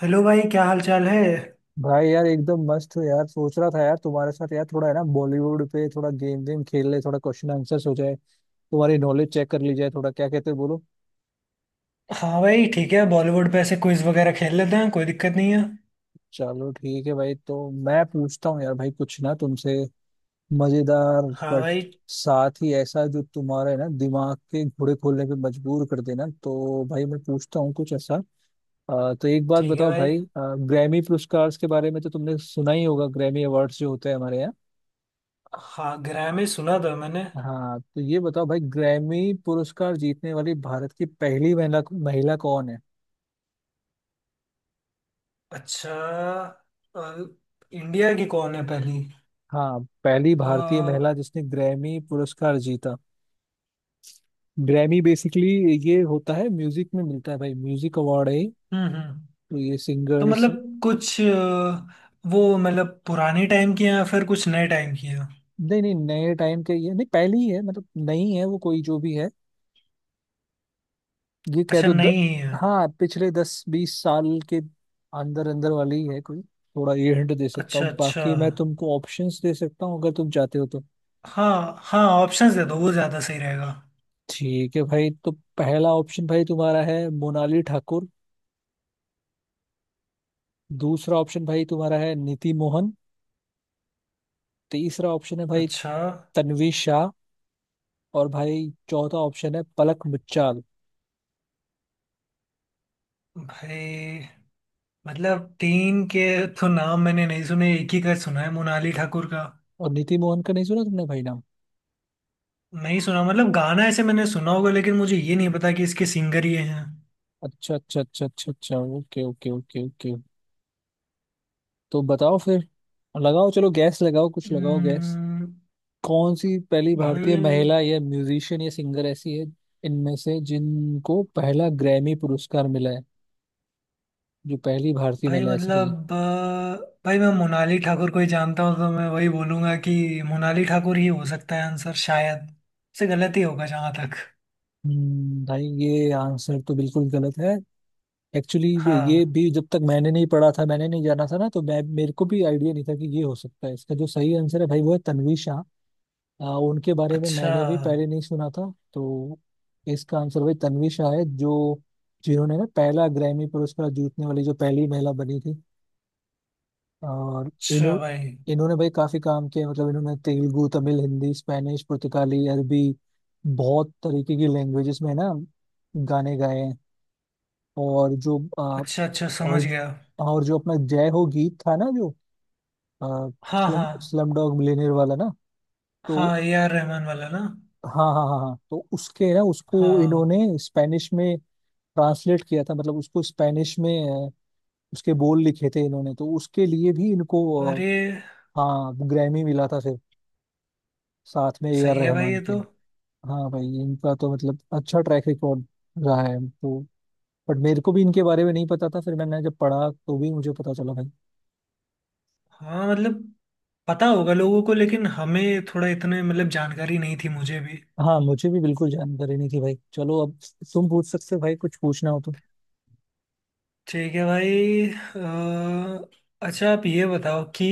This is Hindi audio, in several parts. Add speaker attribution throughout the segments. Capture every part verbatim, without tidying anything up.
Speaker 1: हेलो भाई, क्या हाल चाल है?
Speaker 2: भाई यार एकदम मस्त हो यार। सोच रहा था यार तुम्हारे साथ यार थोड़ा है ना बॉलीवुड पे थोड़ा गेम वेम खेल ले, थोड़ा क्वेश्चन आंसर्स हो जाए, तुम्हारी नॉलेज चेक कर ली जाए थोड़ा। क्या कहते हो बोलो।
Speaker 1: हाँ भाई, ठीक है। बॉलीवुड पे ऐसे क्विज वगैरह खेल लेते हैं, कोई दिक्कत नहीं है।
Speaker 2: चलो ठीक है भाई, तो मैं पूछता हूँ यार भाई कुछ ना तुमसे मजेदार,
Speaker 1: हाँ
Speaker 2: बट
Speaker 1: भाई,
Speaker 2: साथ ही ऐसा जो तुम्हारे ना दिमाग के घोड़े खोलने पे मजबूर कर देना। तो भाई मैं पूछता हूँ कुछ ऐसा। अ, तो एक बात
Speaker 1: ठीक है
Speaker 2: बताओ
Speaker 1: भाई।
Speaker 2: भाई, ग्रैमी पुरस्कार के बारे में तो तुमने सुना ही होगा, ग्रैमी अवार्ड्स जो होते हैं हमारे यहाँ।
Speaker 1: हाँ, ग्रैमी सुना था मैंने।
Speaker 2: हाँ तो ये बताओ भाई, ग्रैमी पुरस्कार जीतने वाली भारत की पहली महिला महिला कौन है?
Speaker 1: अच्छा। अ, इंडिया की कौन है पहली?
Speaker 2: हाँ, पहली
Speaker 1: अ,
Speaker 2: भारतीय
Speaker 1: हम्म।
Speaker 2: महिला जिसने ग्रैमी पुरस्कार जीता। ग्रैमी बेसिकली ये होता है, म्यूजिक में मिलता है भाई, म्यूजिक अवार्ड है ये।
Speaker 1: हम्म
Speaker 2: तो ये
Speaker 1: तो
Speaker 2: सिंगर्स।
Speaker 1: मतलब कुछ अ, वो मतलब पुराने टाइम की है या फिर कुछ नए टाइम की है?
Speaker 2: नहीं नहीं, नए टाइम के ये, नहीं पहली ही है, मतलब नई है वो कोई जो भी है, ये कह
Speaker 1: अच्छा,
Speaker 2: दो। द,
Speaker 1: नहीं ही है।
Speaker 2: हाँ पिछले दस बीस साल के अंदर अंदर वाली ही है कोई। थोड़ा ये हिंट दे सकता
Speaker 1: अच्छा
Speaker 2: हूँ,
Speaker 1: अच्छा।
Speaker 2: बाकी मैं तुमको ऑप्शंस दे सकता हूँ अगर तुम चाहते हो तो।
Speaker 1: हाँ हाँ, ऑप्शंस दे दो, वो ज़्यादा सही रहेगा।
Speaker 2: ठीक है भाई, तो पहला ऑप्शन भाई तुम्हारा है मोनाली ठाकुर। दूसरा ऑप्शन भाई तुम्हारा है नीति मोहन। तीसरा ऑप्शन है भाई
Speaker 1: अच्छा
Speaker 2: तन्वी शाह। और भाई चौथा ऑप्शन है पलक मुच्छाल।
Speaker 1: भाई, मतलब तीन के तो नाम मैंने नहीं सुने, एक ही का सुना है, मोनाली ठाकुर का।
Speaker 2: और नीति मोहन का नहीं सुना तुमने भाई नाम?
Speaker 1: नहीं सुना, मतलब गाना ऐसे मैंने सुना होगा लेकिन मुझे ये नहीं पता कि इसके सिंगर ये हैं।
Speaker 2: अच्छा अच्छा अच्छा अच्छा अच्छा, ओके ओके ओके ओके। तो बताओ फिर, लगाओ, चलो गैस लगाओ, कुछ लगाओ गैस।
Speaker 1: हम्म,
Speaker 2: कौन सी पहली
Speaker 1: भाई।
Speaker 2: भारतीय महिला या म्यूजिशियन या सिंगर ऐसी है इनमें से जिनको पहला ग्रैमी पुरस्कार मिला है, जो पहली भारतीय
Speaker 1: भाई
Speaker 2: महिला ऐसी रही।
Speaker 1: मतलब अ, भाई मैं मोनाली ठाकुर को ही जानता हूँ, तो मैं वही बोलूंगा कि मोनाली ठाकुर ही हो सकता है आंसर, शायद से गलत ही होगा जहाँ तक।
Speaker 2: हम्म, भाई ये आंसर तो बिल्कुल गलत है एक्चुअली। ये
Speaker 1: हाँ।
Speaker 2: भी जब तक मैंने नहीं पढ़ा था, मैंने नहीं जाना था ना, तो मैं मेरे को भी आइडिया नहीं था कि ये हो सकता है। इसका जो सही आंसर है भाई वो है तन्वी शाह। आ, उनके बारे में
Speaker 1: अच्छा
Speaker 2: मैंने भी पहले नहीं सुना था तो। इसका आंसर भाई तन्वी शाह है, जो जिन्होंने ना पहला ग्रैमी पुरस्कार जीतने वाली जो पहली महिला बनी थी। और
Speaker 1: अच्छा
Speaker 2: इन्हों
Speaker 1: भाई।
Speaker 2: इन्होंने भाई काफी काम किया, मतलब इन्होंने तेलुगु, तमिल, हिंदी, स्पेनिश, पुर्तगाली, अरबी, बहुत तरीके की लैंग्वेजेस में ना गाने गाए हैं। और जो आ,
Speaker 1: अच्छा अच्छा, समझ
Speaker 2: और
Speaker 1: गया।
Speaker 2: और जो अपना जय हो गीत था ना जो, आ,
Speaker 1: हाँ
Speaker 2: स्लम
Speaker 1: हाँ
Speaker 2: स्लम डॉग मिलियनेयर वाला ना, तो
Speaker 1: हाँ, ए आर रहमान वाला ना।
Speaker 2: हाँ हाँ हाँ हाँ, तो उसके ना उसको
Speaker 1: हाँ।
Speaker 2: इन्होंने स्पेनिश में ट्रांसलेट किया था, मतलब उसको स्पेनिश में आ, उसके बोल लिखे थे इन्होंने, तो उसके लिए भी इनको आ,
Speaker 1: अरे,
Speaker 2: हाँ ग्रैमी मिला था फिर, साथ में ए आर
Speaker 1: सही है भाई
Speaker 2: रहमान
Speaker 1: ये
Speaker 2: के।
Speaker 1: तो।
Speaker 2: हाँ भाई, इनका तो मतलब अच्छा ट्रैक रिकॉर्ड रहा है तो। बट मेरे को भी इनके बारे में नहीं पता था, फिर मैंने जब पढ़ा तो भी मुझे पता चला भाई।
Speaker 1: हाँ मतलब पता होगा लोगों को लेकिन हमें थोड़ा इतने मतलब जानकारी नहीं थी, मुझे भी।
Speaker 2: हाँ मुझे भी बिल्कुल जानकारी नहीं थी भाई। चलो अब तुम पूछ सकते हो भाई कुछ पूछना हो तो।
Speaker 1: ठीक है भाई। अ, अच्छा, आप ये बताओ कि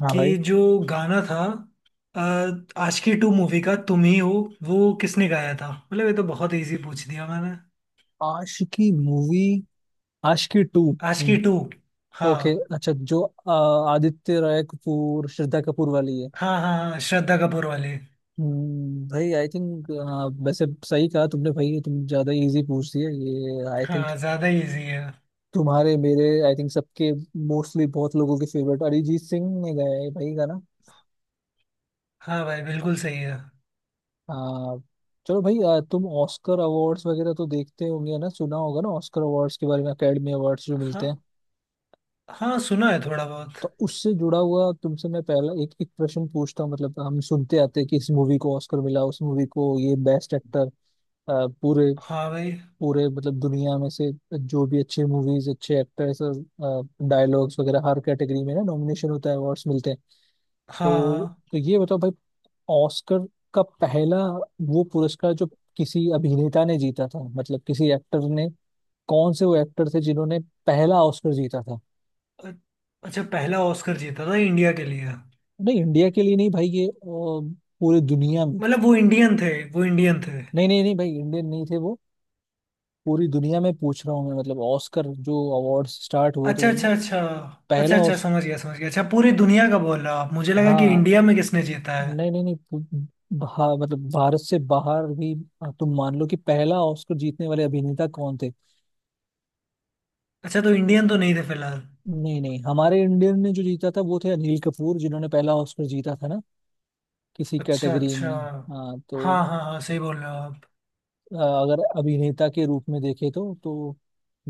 Speaker 2: हाँ भाई।
Speaker 1: कि जो गाना था अ, आशिकी टू मूवी का, तुम ही हो, वो किसने गाया था? मतलब ये तो बहुत इजी पूछ दिया मैंने।
Speaker 2: Aashiqui movie, Aashiqui two.
Speaker 1: आशिकी
Speaker 2: हम्म,
Speaker 1: टू। हाँ
Speaker 2: ओके। अच्छा जो अ, आदित्य राय कपूर श्रद्धा कपूर वाली है।
Speaker 1: हाँ हाँ, हाँ श्रद्धा कपूर वाली।
Speaker 2: हम्म, भाई आई थिंक वैसे सही कहा तुमने भाई, ये तुम ज्यादा इजी पूछ दिया ये आई थिंक।
Speaker 1: हाँ, ज़्यादा इजी है।
Speaker 2: तुम्हारे मेरे आई थिंक सबके मोस्टली बहुत लोगों के फेवरेट अरिजीत सिंह ने गाया है भाई गाना।
Speaker 1: हाँ भाई, बिल्कुल सही है।
Speaker 2: आ, चलो भाई, आ, तुम ऑस्कर अवार्ड्स वगैरह तो देखते होंगे ना, सुना होगा ना ऑस्कर अवार्ड्स के बारे में, एकेडमी अवार्ड्स जो मिलते
Speaker 1: हाँ
Speaker 2: हैं।
Speaker 1: हाँ, सुना है थोड़ा बहुत।
Speaker 2: तो उससे जुड़ा हुआ तुमसे मैं पहला एक एक प्रश्न पूछता हूँ। मतलब हम सुनते आते हैं कि इस मूवी को ऑस्कर मिला, उस मूवी को ये बेस्ट एक्टर। अ, पूरे
Speaker 1: हाँ भाई।
Speaker 2: पूरे मतलब दुनिया में से जो भी अच्छे मूवीज, अच्छे एक्टर्स, डायलॉग्स वगैरह हर कैटेगरी में ना नॉमिनेशन होता है, अवार्ड्स मिलते हैं।
Speaker 1: हाँ
Speaker 2: तो
Speaker 1: हाँ।
Speaker 2: तो ये बताओ भाई, ऑस्कर का पहला वो पुरस्कार जो किसी अभिनेता ने जीता था, मतलब किसी एक्टर ने, कौन से वो एक्टर थे जिन्होंने पहला ऑस्कर जीता था?
Speaker 1: अ- अच्छा, पहला ऑस्कर जीता था इंडिया के लिए?
Speaker 2: नहीं, इंडिया के लिए नहीं भाई, ये अ, पूरी दुनिया में।
Speaker 1: मतलब वो इंडियन थे, वो इंडियन थे?
Speaker 2: नहीं नहीं नहीं भाई, इंडियन नहीं थे वो, पूरी दुनिया में पूछ रहा हूँ मैं। मतलब ऑस्कर जो अवार्ड स्टार्ट हुए तो
Speaker 1: अच्छा
Speaker 2: उन-
Speaker 1: अच्छा अच्छा। अच्छा
Speaker 2: पहला
Speaker 1: अच्छा,
Speaker 2: ऑस
Speaker 1: समझ गया समझ गया, अच्छा। पूरी दुनिया का बोल रहा आप, मुझे लगा कि
Speaker 2: हाँ।
Speaker 1: इंडिया में किसने जीता है।
Speaker 2: नहीं नहीं नहीं पू- भा, मतलब भारत से बाहर भी, अ, तुम मान लो कि पहला ऑस्कर जीतने वाले अभिनेता कौन थे।
Speaker 1: अच्छा, तो इंडियन तो नहीं थे फिलहाल।
Speaker 2: नहीं नहीं, हमारे इंडियन ने जो जीता था वो थे अनिल कपूर, जिन्होंने पहला ऑस्कर जीता था ना किसी
Speaker 1: अच्छा
Speaker 2: कैटेगरी
Speaker 1: अच्छा।
Speaker 2: में। हाँ तो
Speaker 1: हाँ हाँ हाँ, सही बोल रहे हो आप।
Speaker 2: अ, अगर अभिनेता के रूप में देखे तो तो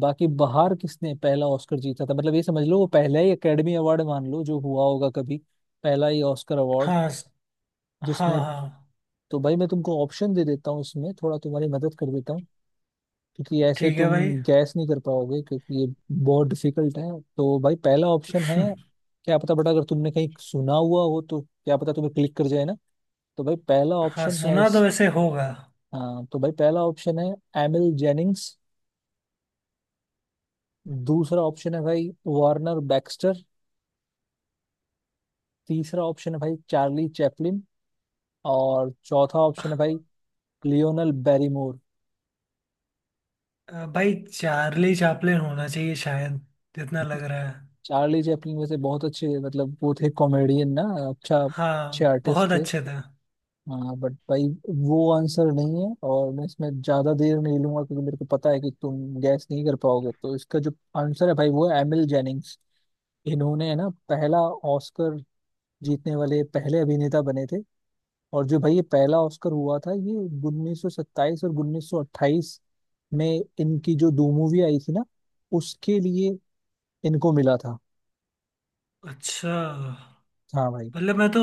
Speaker 2: बाकी बाहर किसने पहला ऑस्कर जीता था। मतलब ये समझ लो वो पहला ही एकेडमी अवार्ड मान लो जो हुआ होगा कभी, पहला ही ऑस्कर अवार्ड
Speaker 1: हाँ स- हाँ
Speaker 2: जिसमें।
Speaker 1: हाँ।
Speaker 2: तो भाई मैं तुमको ऑप्शन दे देता हूँ, इसमें थोड़ा तुम्हारी मदद कर देता हूँ, क्योंकि ऐसे
Speaker 1: ठीक है
Speaker 2: तुम
Speaker 1: भाई।
Speaker 2: गैस नहीं कर पाओगे, क्योंकि ये बहुत डिफिकल्ट है। तो भाई पहला ऑप्शन है, क्या पता बट अगर तुमने कहीं सुना हुआ हो तो क्या पता तुम्हें क्लिक कर जाए ना। तो भाई पहला
Speaker 1: हाँ,
Speaker 2: ऑप्शन है
Speaker 1: सुना
Speaker 2: इस
Speaker 1: तो वैसे होगा।
Speaker 2: हाँ, तो भाई पहला ऑप्शन है एमिल जेनिंग्स। दूसरा ऑप्शन है भाई वार्नर बैक्स्टर। तीसरा ऑप्शन है भाई चार्ली चैपलिन। और चौथा ऑप्शन है भाई लियोनल बैरीमोर।
Speaker 1: अ, भाई चार्ली चैपलिन होना चाहिए शायद, जितना लग रहा है।
Speaker 2: चार्ली चैपलिन वैसे बहुत अच्छे, मतलब वो थे कॉमेडियन ना, अच्छा अच्छे
Speaker 1: हाँ, बहुत
Speaker 2: आर्टिस्ट थे।
Speaker 1: अच्छे थे।
Speaker 2: हाँ बट भाई वो आंसर नहीं है, और मैं इसमें ज्यादा देर नहीं लूंगा क्योंकि मेरे को पता है कि तुम गैस नहीं कर पाओगे। तो इसका जो आंसर है भाई वो है एमिल जेनिंग्स। इन्होंने है ना पहला ऑस्कर जीतने वाले पहले अभिनेता बने थे। और जो भाई ये पहला ऑस्कर हुआ था ये उन्नीस सौ सत्ताईस और उन्नीस सौ अट्ठाईस में इनकी जो दो मूवी आई थी ना उसके लिए इनको मिला था।
Speaker 1: अच्छा,
Speaker 2: हाँ भाई।
Speaker 1: मतलब मैं तो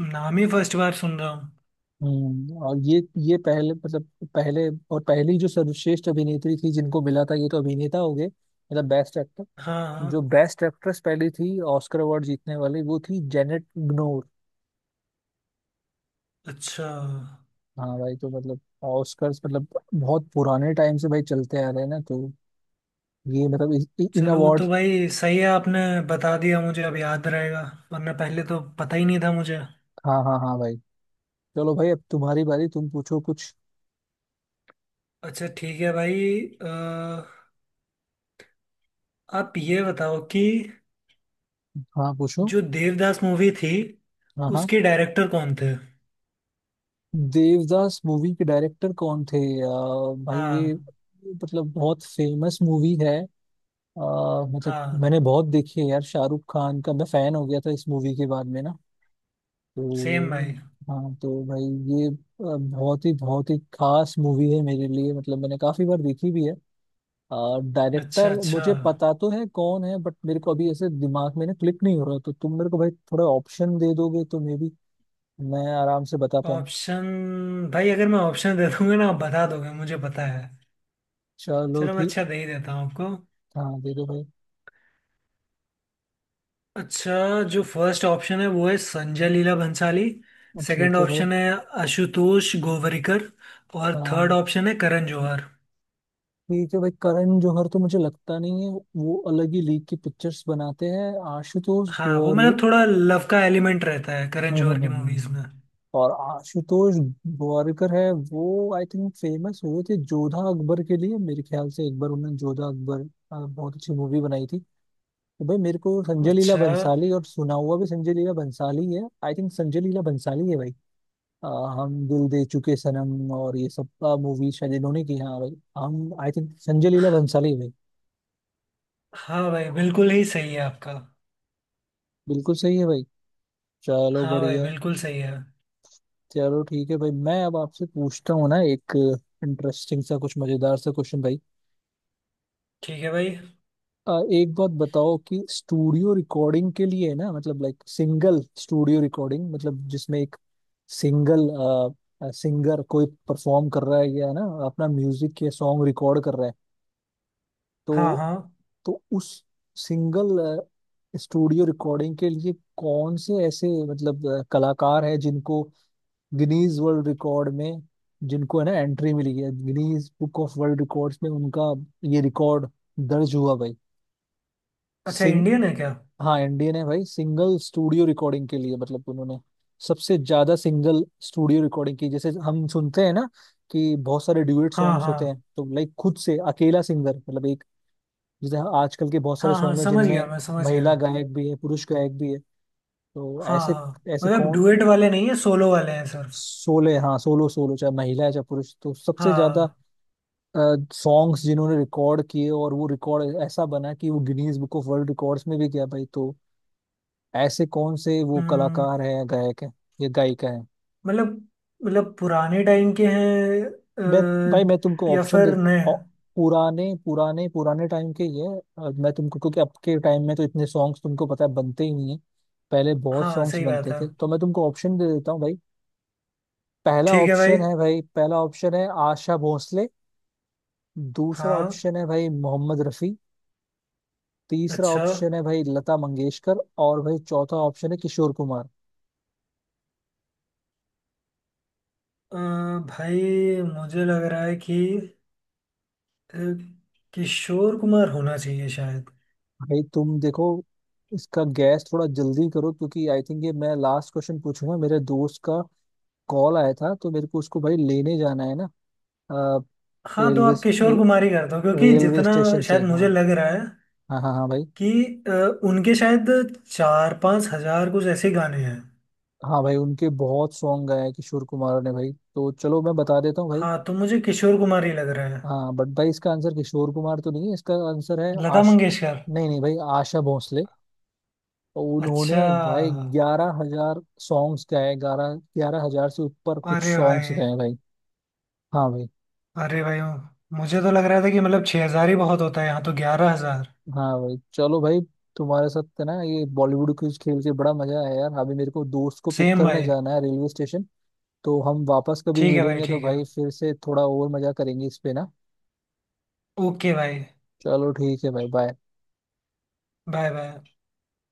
Speaker 1: नाम ही फर्स्ट बार सुन रहा हूँ।
Speaker 2: हम्म, और ये ये पहले मतलब पहले, और पहली जो सर्वश्रेष्ठ अभिनेत्री थी जिनको मिला था, ये तो अभिनेता हो गए मतलब बेस्ट एक्टर।
Speaker 1: हाँ
Speaker 2: जो
Speaker 1: हाँ।
Speaker 2: बेस्ट एक्ट्रेस पहली थी ऑस्कर अवार्ड जीतने वाली वो थी जेनेट ग्नोर।
Speaker 1: अच्छा,
Speaker 2: हाँ भाई। तो मतलब ऑस्कर मतलब बहुत पुराने टाइम से भाई चलते आ रहे हैं ना, तो ये मतलब इस- इ- इन
Speaker 1: चलो
Speaker 2: अवार्ड।
Speaker 1: तो भाई सही है, आपने बता दिया, मुझे अब याद रहेगा, वरना पहले तो पता ही नहीं था मुझे।
Speaker 2: हाँ हाँ हाँ भाई। चलो भाई अब तुम्हारी बारी, तुम पूछो कुछ।
Speaker 1: अच्छा ठीक है भाई। अ, आप ये बताओ कि
Speaker 2: हाँ पूछो।
Speaker 1: जो देवदास मूवी थी,
Speaker 2: हाँ हाँ।
Speaker 1: उसके डायरेक्टर कौन थे?
Speaker 2: देवदास मूवी के डायरेक्टर कौन थे? अ, भाई ये
Speaker 1: हाँ
Speaker 2: मतलब बहुत फेमस मूवी है। अ, मतलब मैंने
Speaker 1: हाँ।
Speaker 2: बहुत देखी है यार, शाहरुख खान का मैं फैन हो गया था इस मूवी के बाद में ना,
Speaker 1: सेम
Speaker 2: तो
Speaker 1: भाई।
Speaker 2: हाँ। तो भाई ये अ, बहुत ही बहुत ही खास मूवी है मेरे लिए, मतलब मैंने काफी बार देखी भी है।
Speaker 1: अच्छा
Speaker 2: डायरेक्टर
Speaker 1: अच्छा,
Speaker 2: मुझे पता तो है कौन है, बट मेरे को अभी ऐसे दिमाग में ना क्लिक नहीं हो रहा, तो तुम मेरे को भाई थोड़ा ऑप्शन दे दोगे तो मे बी मैं आराम से बता पाऊँ।
Speaker 1: ऑप्शन। भाई अगर मैं ऑप्शन दे दूंगा ना आप बता दोगे, मुझे पता है।
Speaker 2: चलो
Speaker 1: चलो, मैं
Speaker 2: ठीक,
Speaker 1: अच्छा दे ही देता हूँ आपको।
Speaker 2: हाँ दे दो भाई।
Speaker 1: अच्छा, जो फर्स्ट ऑप्शन है वो है संजय लीला भंसाली। सेकंड
Speaker 2: ठीक है भाई।
Speaker 1: ऑप्शन है आशुतोष गोवरिकर। और थर्ड
Speaker 2: हाँ।
Speaker 1: ऑप्शन है करण जौहर।
Speaker 2: ठीक है भाई, करण जौहर तो मुझे लगता नहीं है, वो अलग ही लीग की पिक्चर्स बनाते हैं। आशुतोष
Speaker 1: हाँ, वो
Speaker 2: और
Speaker 1: मतलब थोड़ा लव का एलिमेंट रहता है करण
Speaker 2: हम्म
Speaker 1: जौहर
Speaker 2: हम्म,
Speaker 1: की
Speaker 2: हम्म,
Speaker 1: मूवीज
Speaker 2: हम्म।
Speaker 1: में।
Speaker 2: और आशुतोष गोवारिकर है, वो आई थिंक फेमस हुए थे जोधा अकबर के लिए, मेरे ख्याल से एक बार उन्होंने जोधा अकबर अ, बहुत अच्छी मूवी बनाई थी। तो भाई मेरे को संजय लीला
Speaker 1: अच्छा।
Speaker 2: बंसाली, और सुना हुआ भी संजय लीला बंसाली है, आई थिंक संजय लीला बंसाली है भाई। अ, हम दिल दे चुके सनम और ये सब मूवी शायद इन्होंने की। हाँ भाई हम आई थिंक संजय लीला बंसाली है भाई।
Speaker 1: हाँ भाई, बिल्कुल ही सही है आपका।
Speaker 2: बिल्कुल सही है भाई, चलो
Speaker 1: हाँ भाई,
Speaker 2: बढ़िया है।
Speaker 1: बिल्कुल सही है।
Speaker 2: चलो ठीक है भाई, मैं अब आपसे पूछता हूँ ना एक इंटरेस्टिंग सा कुछ मजेदार सा क्वेश्चन भाई।
Speaker 1: ठीक है भाई।
Speaker 2: अ, एक बात बताओ कि स्टूडियो रिकॉर्डिंग के लिए ना, मतलब लाइक सिंगल स्टूडियो रिकॉर्डिंग, मतलब जिसमें एक सिंगल सिंगर कोई परफॉर्म कर रहा है या ना अपना म्यूजिक या सॉन्ग रिकॉर्ड कर रहा है
Speaker 1: हाँ
Speaker 2: तो
Speaker 1: हाँ।
Speaker 2: तो उस सिंगल स्टूडियो रिकॉर्डिंग के लिए कौन से ऐसे मतलब अ, कलाकार हैं जिनको गिनीज वर्ल्ड रिकॉर्ड में, जिनको है ना एंट्री मिली है Guinness book of world records में, उनका ये रिकॉर्ड दर्ज हुआ भाई।
Speaker 1: अच्छा,
Speaker 2: सिंग
Speaker 1: इंडियन है क्या?
Speaker 2: हाँ इंडियन है भाई, सिंगल स्टूडियो रिकॉर्डिंग के लिए, मतलब उन्होंने सबसे ज्यादा सिंगल स्टूडियो रिकॉर्डिंग की। जैसे हम सुनते हैं ना कि बहुत सारे ड्यूएट
Speaker 1: हाँ
Speaker 2: सॉन्ग्स होते हैं,
Speaker 1: हाँ
Speaker 2: तो लाइक खुद से अकेला सिंगर मतलब एक, जैसे आजकल के बहुत सारे
Speaker 1: हाँ हाँ,
Speaker 2: सॉन्ग हैं
Speaker 1: समझ गया
Speaker 2: जिनमें
Speaker 1: मैं, समझ गया।
Speaker 2: महिला गायक भी है पुरुष गायक भी है, तो
Speaker 1: हाँ
Speaker 2: ऐसे,
Speaker 1: हाँ,
Speaker 2: ऐसे
Speaker 1: मतलब
Speaker 2: कौन।
Speaker 1: डुएट वाले नहीं है, सोलो वाले हैं सिर्फ।
Speaker 2: सोले हाँ सोलो, सोलो चाहे महिला है चाहे पुरुष, तो सबसे ज्यादा
Speaker 1: हाँ।
Speaker 2: सॉन्ग्स जिन्होंने रिकॉर्ड किए और वो रिकॉर्ड ऐसा बना कि वो Guinness book of world records में भी गया भाई। तो ऐसे कौन से वो
Speaker 1: हम्म।
Speaker 2: कलाकार हैं या गायक हैं या गायिका हैं?
Speaker 1: मतलब, मतलब पुराने टाइम के हैं
Speaker 2: मैं भाई मैं तुमको
Speaker 1: अ, या
Speaker 2: ऑप्शन दे,
Speaker 1: फिर नए?
Speaker 2: औ- पुराने पुराने पुराने टाइम के ही है। अ, मैं तुमको, क्योंकि अब के टाइम में तो इतने सॉन्ग्स तुमको पता है बनते ही नहीं है, पहले बहुत
Speaker 1: हाँ,
Speaker 2: सॉन्ग्स
Speaker 1: सही बात
Speaker 2: बनते
Speaker 1: है।
Speaker 2: थे, तो मैं तुमको ऑप्शन दे देता हूँ भाई। पहला
Speaker 1: ठीक है भाई।
Speaker 2: ऑप्शन है भाई पहला ऑप्शन है आशा भोसले। दूसरा
Speaker 1: हाँ।
Speaker 2: ऑप्शन है भाई मोहम्मद रफी। तीसरा
Speaker 1: अच्छा।
Speaker 2: ऑप्शन है भाई लता मंगेशकर। और भाई चौथा ऑप्शन है किशोर कुमार।
Speaker 1: अ, भाई मुझे लग रहा है कि अ, किशोर कुमार होना चाहिए शायद।
Speaker 2: भाई तुम देखो, इसका गैस थोड़ा जल्दी करो क्योंकि आई थिंक ये मैं लास्ट क्वेश्चन पूछूंगा, मेरे दोस्त का कॉल आया था तो मेरे को उसको भाई लेने जाना है ना। अ,
Speaker 1: हाँ, तो
Speaker 2: रेलवे
Speaker 1: आप किशोर
Speaker 2: रे,
Speaker 1: कुमार ही कर दो, क्योंकि
Speaker 2: रेलवे
Speaker 1: जितना
Speaker 2: स्टेशन से।
Speaker 1: शायद मुझे
Speaker 2: हाँ
Speaker 1: लग रहा है
Speaker 2: हाँ हाँ हाँ भाई।
Speaker 1: कि अ, उनके शायद चार पाँच हजार कुछ ऐसे गाने हैं।
Speaker 2: हाँ भाई, उनके बहुत सॉन्ग गाए हैं किशोर कुमार ने भाई, तो चलो मैं बता देता हूँ भाई।
Speaker 1: हाँ, तो मुझे किशोर कुमार ही लग रहा है।
Speaker 2: हाँ बट भाई इसका आंसर किशोर कुमार तो नहीं है, इसका आंसर है
Speaker 1: लता
Speaker 2: आश
Speaker 1: मंगेशकर।
Speaker 2: नहीं नहीं भाई, आशा भोसले। तो उन्होंने
Speaker 1: अच्छा।
Speaker 2: भाई ग्यारह हजार सॉन्ग्स गाए, ग्यारह ग्यारह हजार से ऊपर कुछ
Speaker 1: अरे
Speaker 2: सॉन्ग्स
Speaker 1: भाई।
Speaker 2: गाए भाई। हाँ भाई।
Speaker 1: अरे भाई, मुझे तो लग रहा था कि मतलब छः हजार ही बहुत होता है, यहाँ तो ग्यारह हजार।
Speaker 2: हाँ भाई चलो भाई, तुम्हारे साथ ना ये बॉलीवुड क्विज खेल के बड़ा मजा आया यार, अभी मेरे को दोस्त को पिक
Speaker 1: सेम
Speaker 2: करने
Speaker 1: भाई।
Speaker 2: जाना है रेलवे स्टेशन। तो हम वापस कभी
Speaker 1: ठीक है भाई,
Speaker 2: मिलेंगे तो
Speaker 1: ठीक है।
Speaker 2: भाई फिर से थोड़ा और मजा करेंगे इस पे ना।
Speaker 1: ओके भाई।
Speaker 2: चलो ठीक है भाई, बाय।
Speaker 1: Bye bye.